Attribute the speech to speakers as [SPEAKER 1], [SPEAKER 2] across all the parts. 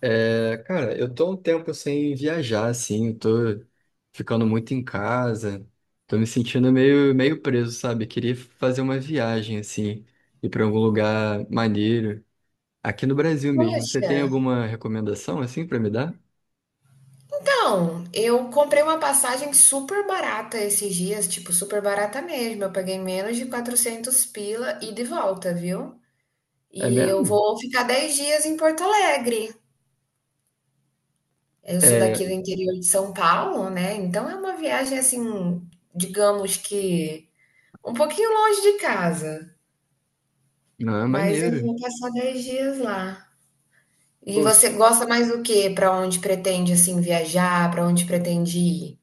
[SPEAKER 1] É, cara, eu tô um tempo sem viajar, assim, eu tô ficando muito em casa, tô me sentindo meio preso, sabe? Queria fazer uma viagem, assim, ir pra algum lugar maneiro, aqui no Brasil mesmo. Você
[SPEAKER 2] Poxa,
[SPEAKER 1] tem alguma recomendação, assim, pra me dar?
[SPEAKER 2] então, eu comprei uma passagem super barata esses dias, tipo, super barata mesmo. Eu paguei menos de 400 pila e de volta, viu?
[SPEAKER 1] É
[SPEAKER 2] E eu
[SPEAKER 1] mesmo?
[SPEAKER 2] vou ficar 10 dias em Porto Alegre. Eu sou
[SPEAKER 1] É,
[SPEAKER 2] daqui do interior de São Paulo, né? Então é uma viagem assim, digamos que um pouquinho longe de casa,
[SPEAKER 1] não, é
[SPEAKER 2] mas eu
[SPEAKER 1] maneiro.
[SPEAKER 2] vou passar 10 dias lá. E
[SPEAKER 1] Pô,
[SPEAKER 2] você gosta mais do que? Para onde pretende assim viajar? Para onde pretende ir?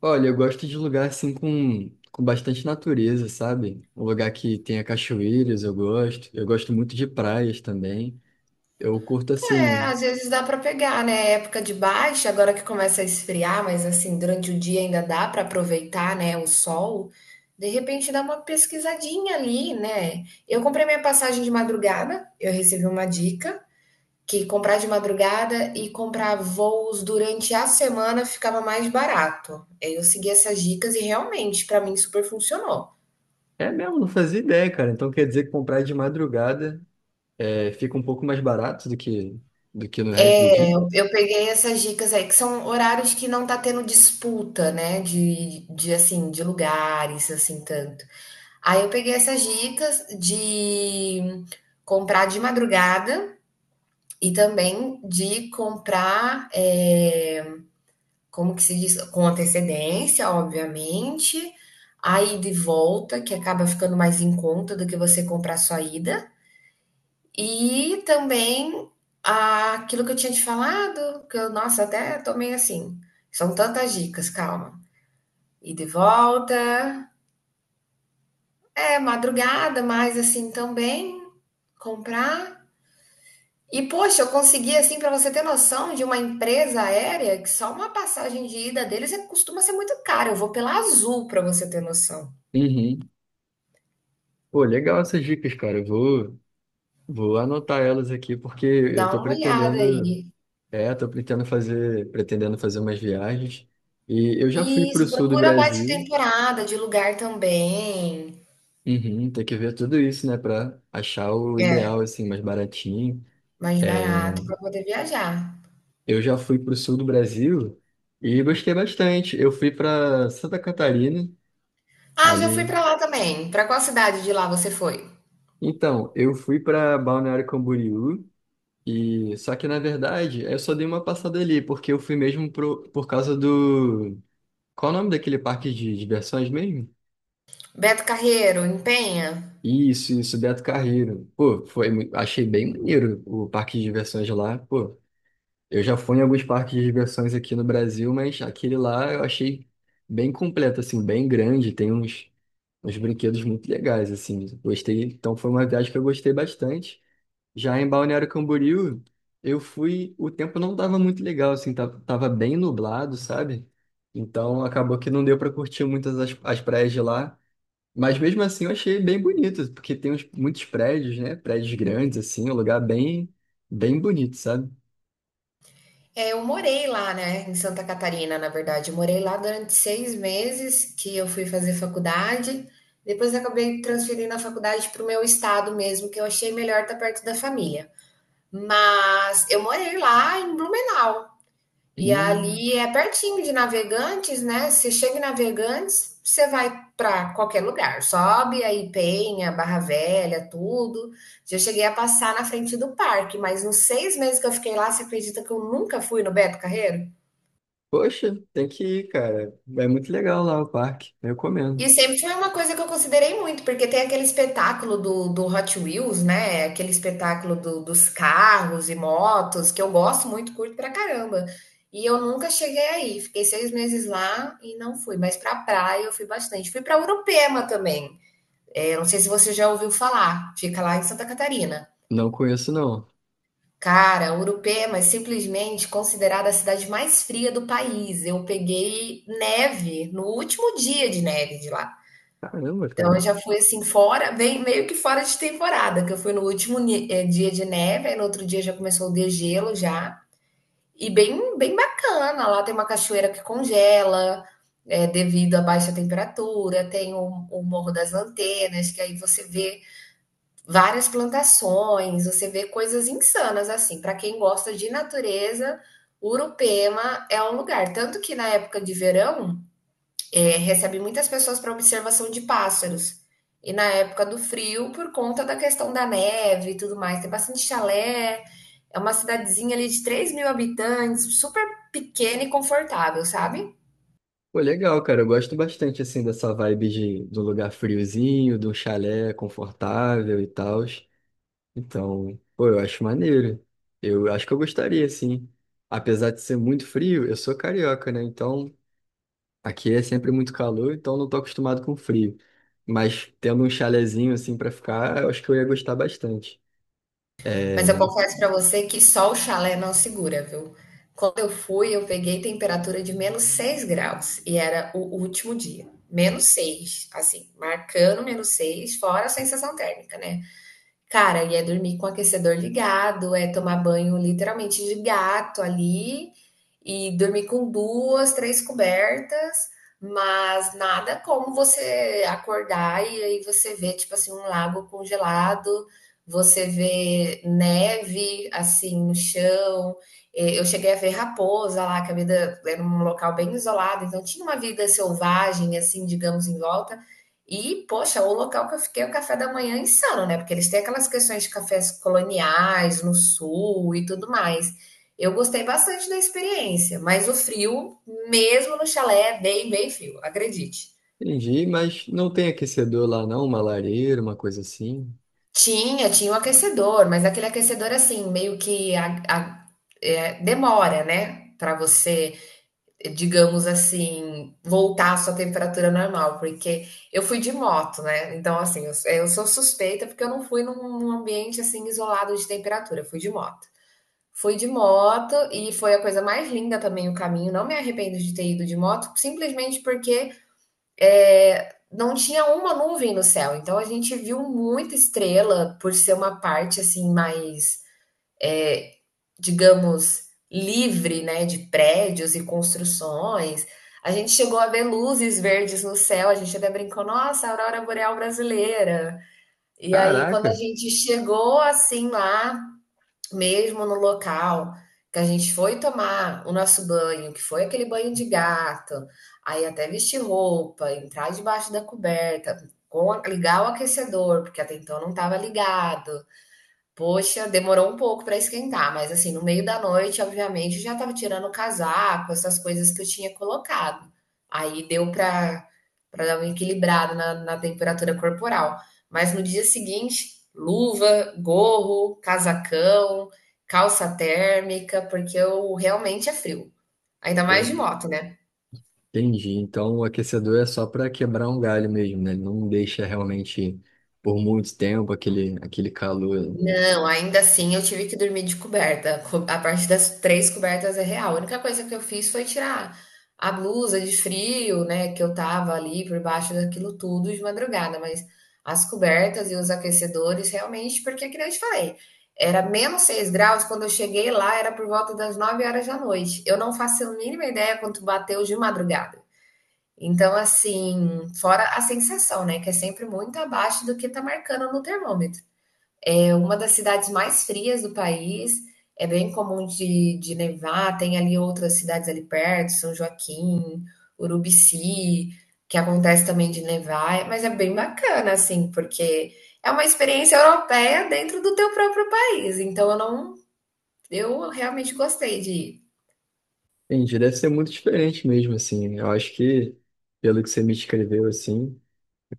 [SPEAKER 1] olha, eu gosto de lugar, assim, com bastante natureza, sabe? Um lugar que tenha cachoeiras, eu gosto. Eu gosto muito de praias também. Eu curto,
[SPEAKER 2] É,
[SPEAKER 1] assim...
[SPEAKER 2] às vezes dá para pegar, né? É época de baixa, agora que começa a esfriar, mas assim, durante o dia ainda dá para aproveitar, né, o sol. De repente dá uma pesquisadinha ali, né? Eu comprei minha passagem de madrugada, eu recebi uma dica que comprar de madrugada e comprar voos durante a semana ficava mais barato. Aí eu segui essas dicas e realmente para mim super funcionou.
[SPEAKER 1] É mesmo, não fazia ideia, cara. Então quer dizer que comprar de madrugada é, fica um pouco mais barato do que no resto do dia?
[SPEAKER 2] Eu peguei essas dicas aí, que são horários que não tá tendo disputa, né? De assim, de lugares, assim, tanto. Aí eu peguei essas dicas de comprar de madrugada e também de comprar, como que se diz? Com antecedência, obviamente. A ida e volta, que acaba ficando mais em conta do que você comprar só a ida. E também ah, aquilo que eu tinha te falado, que eu, nossa, até tomei assim. São tantas dicas, calma. E de volta. É, madrugada, mas assim também comprar. E poxa, eu consegui assim para você ter noção de uma empresa aérea que só uma passagem de ida deles costuma ser muito cara. Eu vou pela Azul para você ter noção.
[SPEAKER 1] Uhum. Pô, legal essas dicas, cara. Eu vou anotar elas aqui porque eu
[SPEAKER 2] Dá
[SPEAKER 1] tô
[SPEAKER 2] uma olhada
[SPEAKER 1] pretendendo,
[SPEAKER 2] aí.
[SPEAKER 1] é, tô pretendendo fazer umas viagens. E eu já fui pro
[SPEAKER 2] Isso,
[SPEAKER 1] sul do
[SPEAKER 2] procura baixa
[SPEAKER 1] Brasil.
[SPEAKER 2] temporada de lugar também.
[SPEAKER 1] Uhum, tem que ver tudo isso, né, pra achar o
[SPEAKER 2] É.
[SPEAKER 1] ideal, assim, mais baratinho.
[SPEAKER 2] Mais barato
[SPEAKER 1] É,
[SPEAKER 2] para poder viajar.
[SPEAKER 1] eu já fui pro sul do Brasil e gostei bastante. Eu fui pra Santa Catarina.
[SPEAKER 2] Ah, já fui
[SPEAKER 1] Ali.
[SPEAKER 2] para lá também. Para qual cidade de lá você foi?
[SPEAKER 1] Então, eu fui para Balneário Camboriú e só que na verdade eu só dei uma passada ali porque eu fui mesmo pro, por causa do qual o nome daquele parque de diversões mesmo?
[SPEAKER 2] Beto Carreiro, em Penha?
[SPEAKER 1] Isso, Beto Carreiro. Pô, foi, achei bem maneiro o parque de diversões lá. Pô, eu já fui em alguns parques de diversões aqui no Brasil, mas aquele lá eu achei bem completo, assim, bem grande. Uns brinquedos muito legais, assim. Gostei. Então foi uma viagem que eu gostei bastante. Já em Balneário Camboriú, eu fui, o tempo não estava muito legal, assim, tava bem nublado, sabe? Então acabou que não deu para curtir muitas as praias de lá. Mas mesmo assim eu achei bem bonito, porque muitos prédios, né? Prédios grandes, assim, um lugar bem, bem bonito, sabe?
[SPEAKER 2] É, eu morei lá, né, em Santa Catarina, na verdade. Eu morei lá durante 6 meses que eu fui fazer faculdade. Depois eu acabei transferindo a faculdade para o meu estado mesmo, que eu achei melhor estar perto da família. Mas eu morei lá em Blumenau.
[SPEAKER 1] E,
[SPEAKER 2] E ali é pertinho de Navegantes, né? Você chega em Navegantes, você vai para qualquer lugar. Sobe aí Penha, Barra Velha, tudo. Já cheguei a passar na frente do parque, mas nos 6 meses que eu fiquei lá, você acredita que eu nunca fui no Beto Carreiro?
[SPEAKER 1] poxa, tem que ir, cara. É muito legal lá o parque, eu
[SPEAKER 2] E
[SPEAKER 1] recomendo.
[SPEAKER 2] sempre foi uma coisa que eu considerei muito, porque tem aquele espetáculo do Hot Wheels, né? Aquele espetáculo dos carros e motos, que eu gosto muito, curto pra caramba. E eu nunca cheguei aí. Fiquei 6 meses lá e não fui. Mas pra praia eu fui bastante. Fui pra Urupema também. É, não sei se você já ouviu falar. Fica lá em Santa Catarina.
[SPEAKER 1] Não conheço, não.
[SPEAKER 2] Cara, Urupema é simplesmente considerada a cidade mais fria do país. Eu peguei neve no último dia de neve de lá.
[SPEAKER 1] Caramba,
[SPEAKER 2] Então
[SPEAKER 1] cara.
[SPEAKER 2] eu já fui assim fora, bem meio que fora de temporada, que eu fui no último dia de neve, aí no outro dia já começou o degelo já. E bem, bem bacana, lá tem uma cachoeira que congela, devido à baixa temperatura, tem o Morro das Lanternas, que aí você vê várias plantações, você vê coisas insanas assim. Para quem gosta de natureza, Urupema é um lugar. Tanto que na época de verão recebe muitas pessoas para observação de pássaros. E na época do frio, por conta da questão da neve e tudo mais, tem bastante chalé. É uma cidadezinha ali de 3.000 habitantes, super pequena e confortável, sabe?
[SPEAKER 1] Pô, legal, cara. Eu gosto bastante, assim, dessa vibe de um lugar friozinho, de um chalé confortável e tal. Então, pô, eu acho maneiro. Eu acho que eu gostaria, assim. Apesar de ser muito frio, eu sou carioca, né? Então, aqui é sempre muito calor, então não tô acostumado com frio. Mas tendo um chalezinho, assim, pra ficar, eu acho que eu ia gostar bastante. É,
[SPEAKER 2] Mas eu confesso para você que só o chalé não segura, viu? Quando eu fui, eu peguei temperatura de -6 graus e era o último dia. Menos 6 assim, marcando menos 6 fora a sensação térmica, né? Cara, e é dormir com o aquecedor ligado, é tomar banho literalmente de gato ali e dormir com duas, três cobertas, mas nada como você acordar e aí você vê, tipo assim, um lago congelado, você vê neve assim no chão. Eu cheguei a ver raposa lá, que a vida era um local bem isolado, então tinha uma vida selvagem, assim, digamos, em volta, e, poxa, o local que eu fiquei, é o café da manhã é insano, né? Porque eles têm aquelas questões de cafés coloniais no sul e tudo mais. Eu gostei bastante da experiência, mas o frio, mesmo no chalé, é bem, bem frio, acredite.
[SPEAKER 1] entendi, mas não tem aquecedor lá, não? Uma lareira, uma coisa assim?
[SPEAKER 2] Tinha, tinha um aquecedor, mas aquele aquecedor assim, meio que a- é, demora, né? Para você digamos assim, voltar à sua temperatura normal, porque eu fui de moto, né? Então, assim, eu sou suspeita porque eu não fui num ambiente assim isolado de temperatura, eu fui de moto. Fui de moto e foi a coisa mais linda também o caminho. Não me arrependo de ter ido de moto, simplesmente porque não tinha uma nuvem no céu. Então a gente viu muita estrela por ser uma parte assim mais digamos, livre, né, de prédios e construções. A gente chegou a ver luzes verdes no céu, a gente até brincou, nossa, aurora boreal brasileira. E aí, quando a
[SPEAKER 1] Caraca!
[SPEAKER 2] gente chegou assim lá, mesmo no local, que a gente foi tomar o nosso banho, que foi aquele banho de gato, aí até vestir roupa, entrar debaixo da coberta, ligar o aquecedor, porque até então não estava ligado. Poxa, demorou um pouco para esquentar, mas assim, no meio da noite, obviamente, eu já estava tirando o casaco, essas coisas que eu tinha colocado. Aí deu para dar uma equilibrada na temperatura corporal. Mas no dia seguinte, luva, gorro, casacão, calça térmica, porque eu realmente é frio. Ainda mais
[SPEAKER 1] É.
[SPEAKER 2] de moto, né?
[SPEAKER 1] Entendi. Então o aquecedor é só para quebrar um galho mesmo, né? Ele não deixa realmente por muito tempo aquele, aquele calor.
[SPEAKER 2] Não, ainda assim eu tive que dormir de coberta. A parte das três cobertas é real. A única coisa que eu fiz foi tirar a blusa de frio, né, que eu tava ali por baixo daquilo tudo de madrugada, mas as cobertas e os aquecedores realmente, porque que nem eu te falei, era -6 graus, quando eu cheguei lá era por volta das 9 horas da noite. Eu não faço a mínima ideia quanto bateu de madrugada. Então, assim, fora a sensação, né, que é sempre muito abaixo do que tá marcando no termômetro. É uma das cidades mais frias do país, é bem comum de nevar, tem ali outras cidades ali perto, São Joaquim, Urubici, que acontece também de nevar, é, mas é bem bacana, assim, porque é uma experiência europeia dentro do teu próprio país, então eu não, eu realmente gostei de ir.
[SPEAKER 1] Entendi. Deve ser muito diferente mesmo, assim. Eu acho que, pelo que você me escreveu, assim,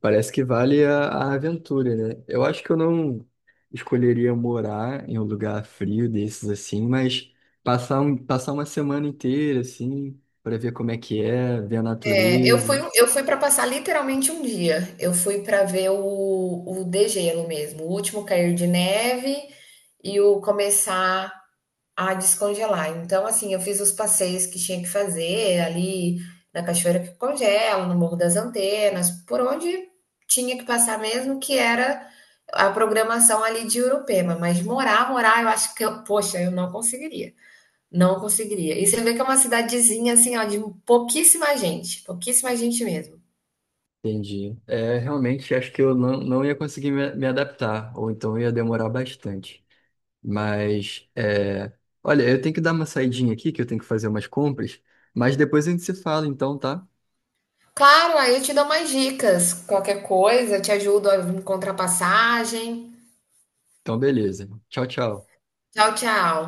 [SPEAKER 1] parece que vale a aventura, né? Eu acho que eu não escolheria morar em um lugar frio desses, assim, mas passar, um, passar uma semana inteira, assim, para ver como é que é, ver a
[SPEAKER 2] É,
[SPEAKER 1] natureza.
[SPEAKER 2] eu fui para passar literalmente um dia, eu fui para ver o degelo mesmo, o último cair de neve e o começar a descongelar. Então, assim, eu fiz os passeios que tinha que fazer ali na Cachoeira que Congela, no Morro das Antenas, por onde tinha que passar mesmo, que era a programação ali de Urupema. Mas morar, morar, eu acho que eu, poxa, eu não conseguiria. Não conseguiria. E você vê que é uma cidadezinha, assim, ó, de pouquíssima gente mesmo.
[SPEAKER 1] Entendi. É, realmente acho que eu não ia conseguir me adaptar, ou então ia demorar bastante. Mas, é, olha, eu tenho que dar uma saidinha aqui, que eu tenho que fazer umas compras, mas depois a gente se fala, então, tá?
[SPEAKER 2] Claro, aí eu te dou mais dicas, qualquer coisa, eu te ajudo a encontrar passagem.
[SPEAKER 1] Então, beleza. Tchau, tchau.
[SPEAKER 2] Tchau, tchau.